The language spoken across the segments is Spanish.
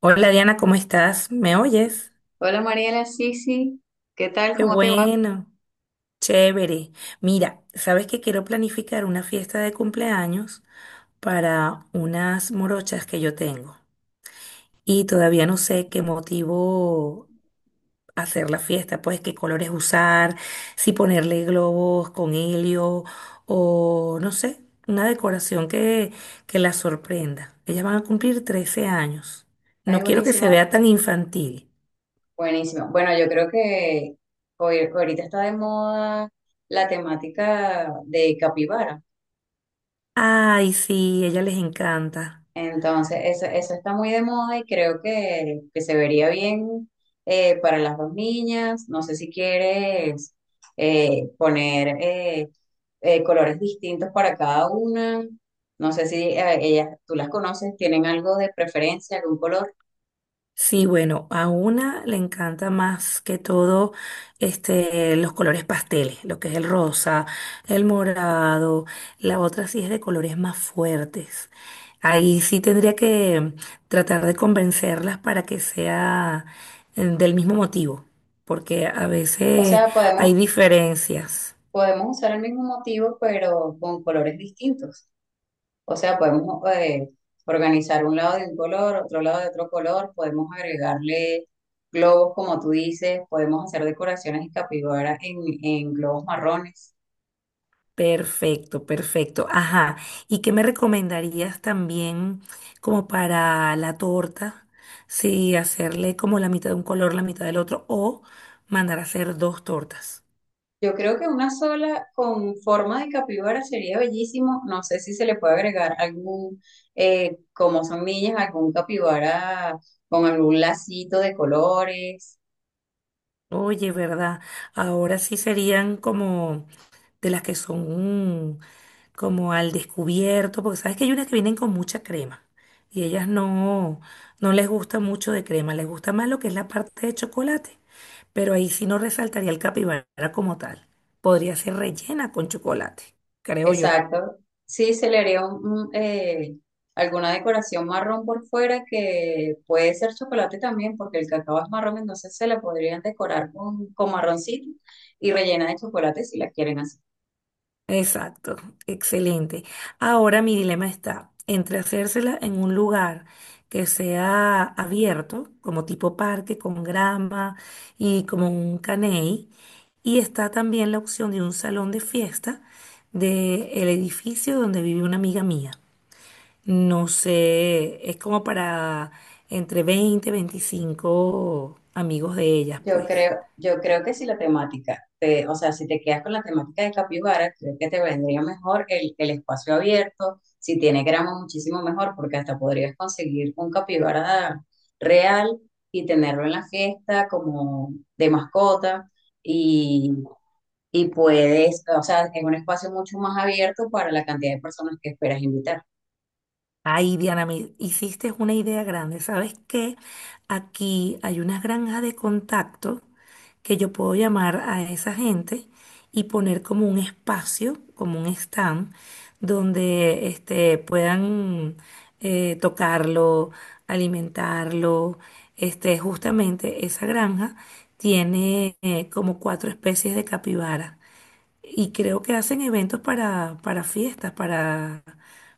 Hola Diana, ¿cómo estás? ¿Me oyes? Hola Mariela, sí, sí. ¿Qué tal? Qué ¿Cómo te va? bueno, chévere. Mira, sabes que quiero planificar una fiesta de cumpleaños para unas morochas que yo tengo y todavía no sé qué motivo hacer la fiesta, pues qué colores usar, si ponerle globos con helio o no sé, una decoración que las sorprenda. Ellas van a cumplir 13 años. No Ay, quiero que se buenísimo, vea tan infantil. buenísimo. Bueno, yo creo que hoy, ahorita está de moda la temática de capibara. Ay, sí, ella les encanta. Entonces, eso está muy de moda y creo que se vería bien para las dos niñas. No sé si quieres poner colores distintos para cada una. No sé si ellas, tú las conoces, tienen algo de preferencia, algún color. Sí, bueno, a una le encanta más que todo los colores pasteles, lo que es el rosa, el morado. La otra sí es de colores más fuertes. Ahí sí tendría que tratar de convencerlas para que sea del mismo motivo, porque a O veces sea, hay podemos, diferencias. Podemos usar el mismo motivo, pero con colores distintos. O sea, podemos organizar un lado de un color, otro lado de otro color, podemos agregarle globos, como tú dices, podemos hacer decoraciones de capibara en globos marrones. Perfecto, perfecto. Ajá. ¿Y qué me recomendarías también como para la torta? Si hacerle como la mitad de un color, la mitad del otro, o mandar a hacer dos tortas. Yo creo que una sola con forma de capibara sería bellísimo. No sé si se le puede agregar como son millas, algún capibara con algún lacito de colores. Oye, ¿verdad? Ahora sí serían como de las que son como al descubierto, porque sabes que hay unas que vienen con mucha crema y ellas no, no les gusta mucho de crema, les gusta más lo que es la parte de chocolate, pero ahí sí no resaltaría el capibara como tal. Podría ser rellena con chocolate, creo yo. Exacto. Sí, se le haría un alguna decoración marrón por fuera que puede ser chocolate también, porque el cacao es marrón, entonces se la podrían decorar con marroncito y rellena de chocolate si la quieren hacer. Exacto, excelente. Ahora mi dilema está entre hacérsela en un lugar que sea abierto, como tipo parque, con grama y como un caney, y está también la opción de un salón de fiesta del edificio donde vive una amiga mía. No sé, es como para entre 20 o 25 amigos de ellas, pues. Yo creo que si la temática, o sea, si te quedas con la temática de Capibara, creo que te vendría mejor el espacio abierto. Si tiene grama muchísimo mejor, porque hasta podrías conseguir un capibara real y tenerlo en la fiesta como de mascota y, y puedes, o sea, es un espacio mucho más abierto para la cantidad de personas que esperas invitar. Ay, Diana, me hiciste una idea grande. ¿Sabes qué? Aquí hay unas granjas de contacto que yo puedo llamar a esa gente y poner como un espacio, como un stand, donde puedan tocarlo, alimentarlo. Justamente esa granja tiene como cuatro especies de capibara. Y creo que hacen eventos para, fiestas, para,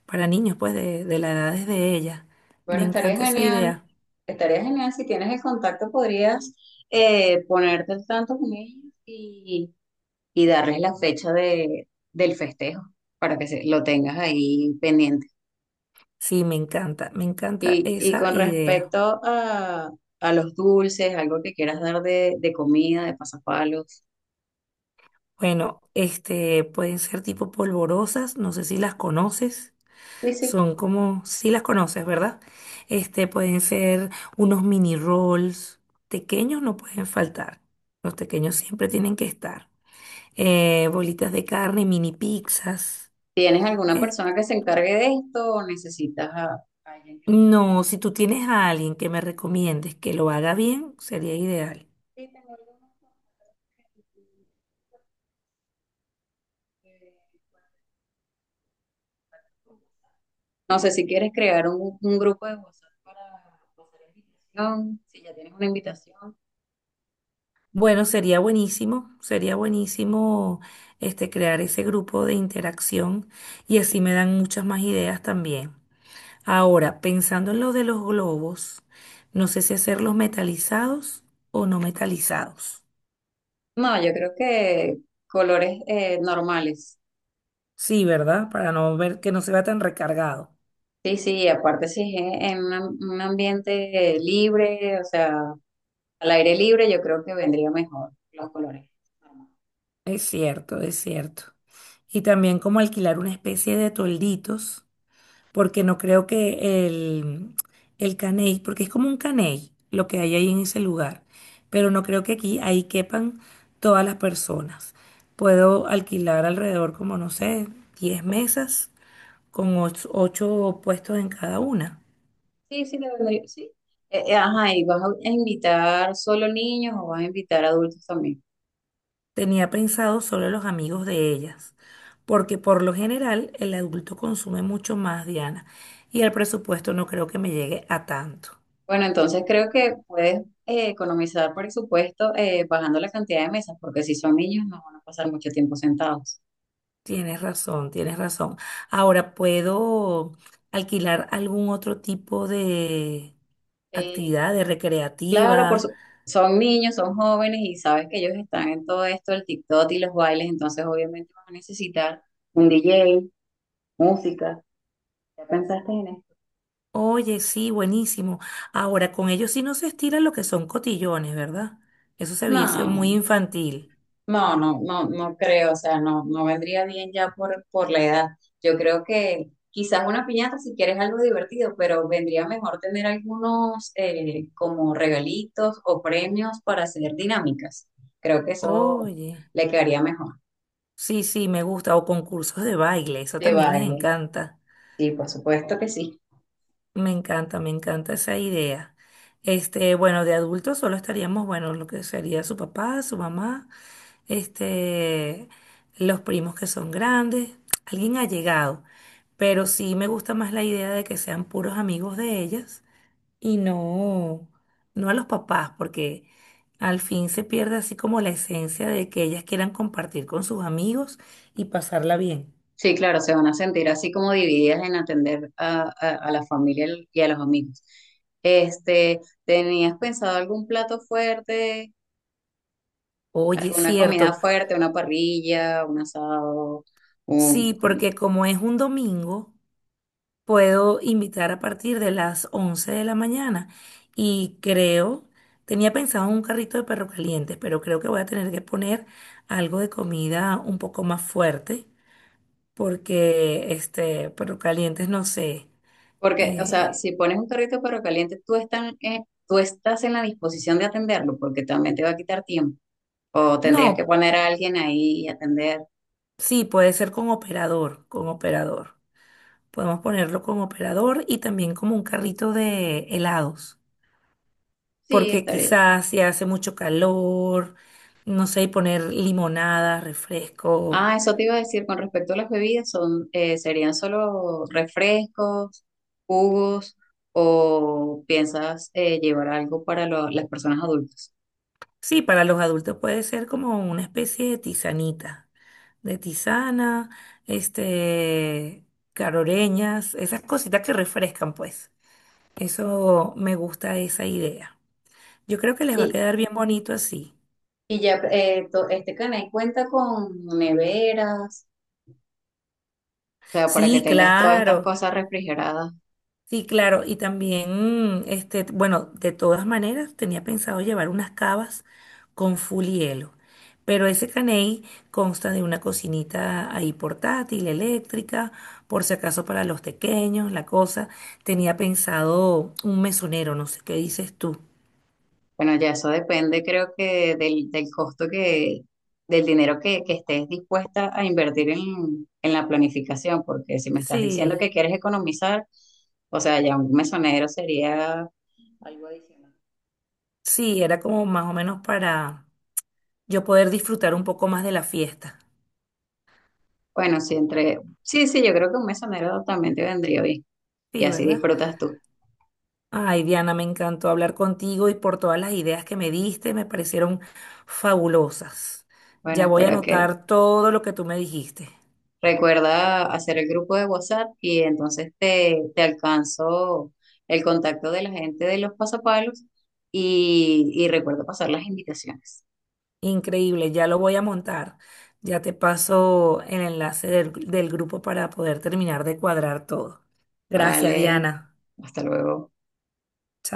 para niños, pues, de la edad de ella. Me Bueno, encanta esa idea. estaría genial si tienes el contacto, podrías ponerte al tanto con ellos. Y darles la fecha del festejo para lo tengas ahí pendiente. Sí, me encanta Y esa con idea. respecto a los dulces, algo que quieras dar de comida, de pasapalos, Bueno, pueden ser tipo polvorosas, no sé si las conoces. sí, sí. Son como, sí las conoces, ¿verdad? Pueden ser unos mini rolls. Pequeños no pueden faltar. Los pequeños siempre tienen que estar. Bolitas de carne, mini pizzas. ¿Tienes alguna Eh, persona que se encargue de esto o necesitas a alguien que lo haga? No, si tú tienes a alguien que me recomiendes que lo haga bien, sería ideal. Sí, tengo algunos contactos. No sé si quieres crear un grupo de WhatsApp para hacer invitación, si ya tienes una invitación. Bueno, sería buenísimo crear ese grupo de interacción y así me dan muchas más ideas también. Ahora, pensando en lo de los globos, no sé si hacerlos metalizados o no metalizados. No, yo creo que colores normales. Sí, ¿verdad? Para no ver que no se vea tan recargado. Sí, sí, aparte si es en un ambiente libre, o sea, al aire libre, yo creo que vendría mejor los colores normales. Es cierto, es cierto. Y también como alquilar una especie de tolditos porque no creo que el caney, porque es como un caney lo que hay ahí en ese lugar, pero no creo que aquí ahí quepan todas las personas. Puedo alquilar alrededor como, no sé, 10 mesas con ocho puestos en cada una. Sí, sí, te vendría, sí. Ajá, ¿y vas a invitar solo niños o vas a invitar adultos también? Tenía pensado solo los amigos de ellas, porque por lo general el adulto consume mucho más, Diana, y el presupuesto no creo que me llegue a tanto. Bueno, entonces creo que puedes economizar presupuesto bajando la cantidad de mesas, porque si son niños no van a pasar mucho tiempo sentados. Tienes razón, tienes razón. Ahora, ¿puedo alquilar algún otro tipo de Eh, actividad, de Claro, recreativa? Son niños, son jóvenes y sabes que ellos están en todo esto, el TikTok y los bailes, entonces obviamente vas a necesitar un DJ, música. ¿Ya pensaste en esto? Oye, sí, buenísimo. Ahora, con ellos sí no se estira lo que son cotillones, ¿verdad? Eso se viese No, muy infantil. no, no, no, no creo, o sea, no, no vendría bien ya por la edad. Yo creo que quizás una piñata si quieres algo divertido, pero vendría mejor tener algunos como regalitos o premios para hacer dinámicas. Creo que eso Oye, le quedaría mejor. sí, sí, me gusta. O concursos de baile, eso De también les baile, encanta. sí, por supuesto que sí. Me encanta, me encanta esa idea. Bueno, de adultos solo estaríamos, bueno, lo que sería su papá, su mamá, este, los primos que son grandes, alguien ha llegado, pero sí me gusta más la idea de que sean puros amigos de ellas y no, no a los papás, porque al fin se pierde así como la esencia de que ellas quieran compartir con sus amigos y pasarla bien. Sí, claro, se van a sentir así como divididas en atender a la familia y a los amigos. Este, ¿tenías pensado algún plato fuerte, Oye, alguna comida cierto, fuerte, una parrilla, un asado? un- sí, porque como es un domingo, puedo invitar a partir de las 11 de la mañana. Y creo, tenía pensado un carrito de perro caliente, pero creo que voy a tener que poner algo de comida un poco más fuerte, porque perro calientes, no sé. Porque, o sea, eh, si pones un carrito pero caliente, tú estás en la disposición de atenderlo, porque también te va a quitar tiempo. O tendrías que no, poner a alguien ahí y atender. sí, puede ser con operador, con operador. Podemos ponerlo con operador y también como un carrito de helados, Sí, porque estaría. quizás si hace mucho calor, no sé, y poner limonada, refresco. Ah, eso te iba a decir con respecto a las bebidas, son, serían solo refrescos, jugos, o piensas llevar algo para las personas adultas. Sí, para los adultos puede ser como una especie de tisanita, de tisana, este, caroreñas, esas cositas que refrescan, pues. Eso me gusta esa idea. Yo creo que les va a Y, quedar bien bonito así. y ya este canal cuenta con neveras, o sea, para que Sí, tengas todas estas claro. cosas refrigeradas. Sí, claro, y también, bueno, de todas maneras tenía pensado llevar unas cavas con full hielo, pero ese caney consta de una cocinita ahí portátil, eléctrica, por si acaso para los pequeños, la cosa. Tenía pensado un mesonero, no sé qué dices tú. Bueno, ya eso depende, creo que del costo que, del dinero que estés dispuesta a invertir en la planificación, porque si me estás diciendo Sí, que quieres economizar, o sea, ya un mesonero sería algo adicional. sí, era como más o menos para yo poder disfrutar un poco más de la fiesta. Bueno, sí, sí, yo creo que un mesonero también te vendría bien y Sí, así ¿verdad? disfrutas tú. Ay, Diana, me encantó hablar contigo y por todas las ideas que me diste, me parecieron fabulosas. Bueno, Ya voy a espero que. anotar todo lo que tú me dijiste. Recuerda hacer el grupo de WhatsApp y entonces te alcanzo el contacto de la gente de los pasapalos y recuerda pasar las invitaciones. Increíble, ya lo voy a montar. Ya te paso el enlace del grupo para poder terminar de cuadrar todo. Gracias, Vale, Diana. hasta luego. ¡Chao!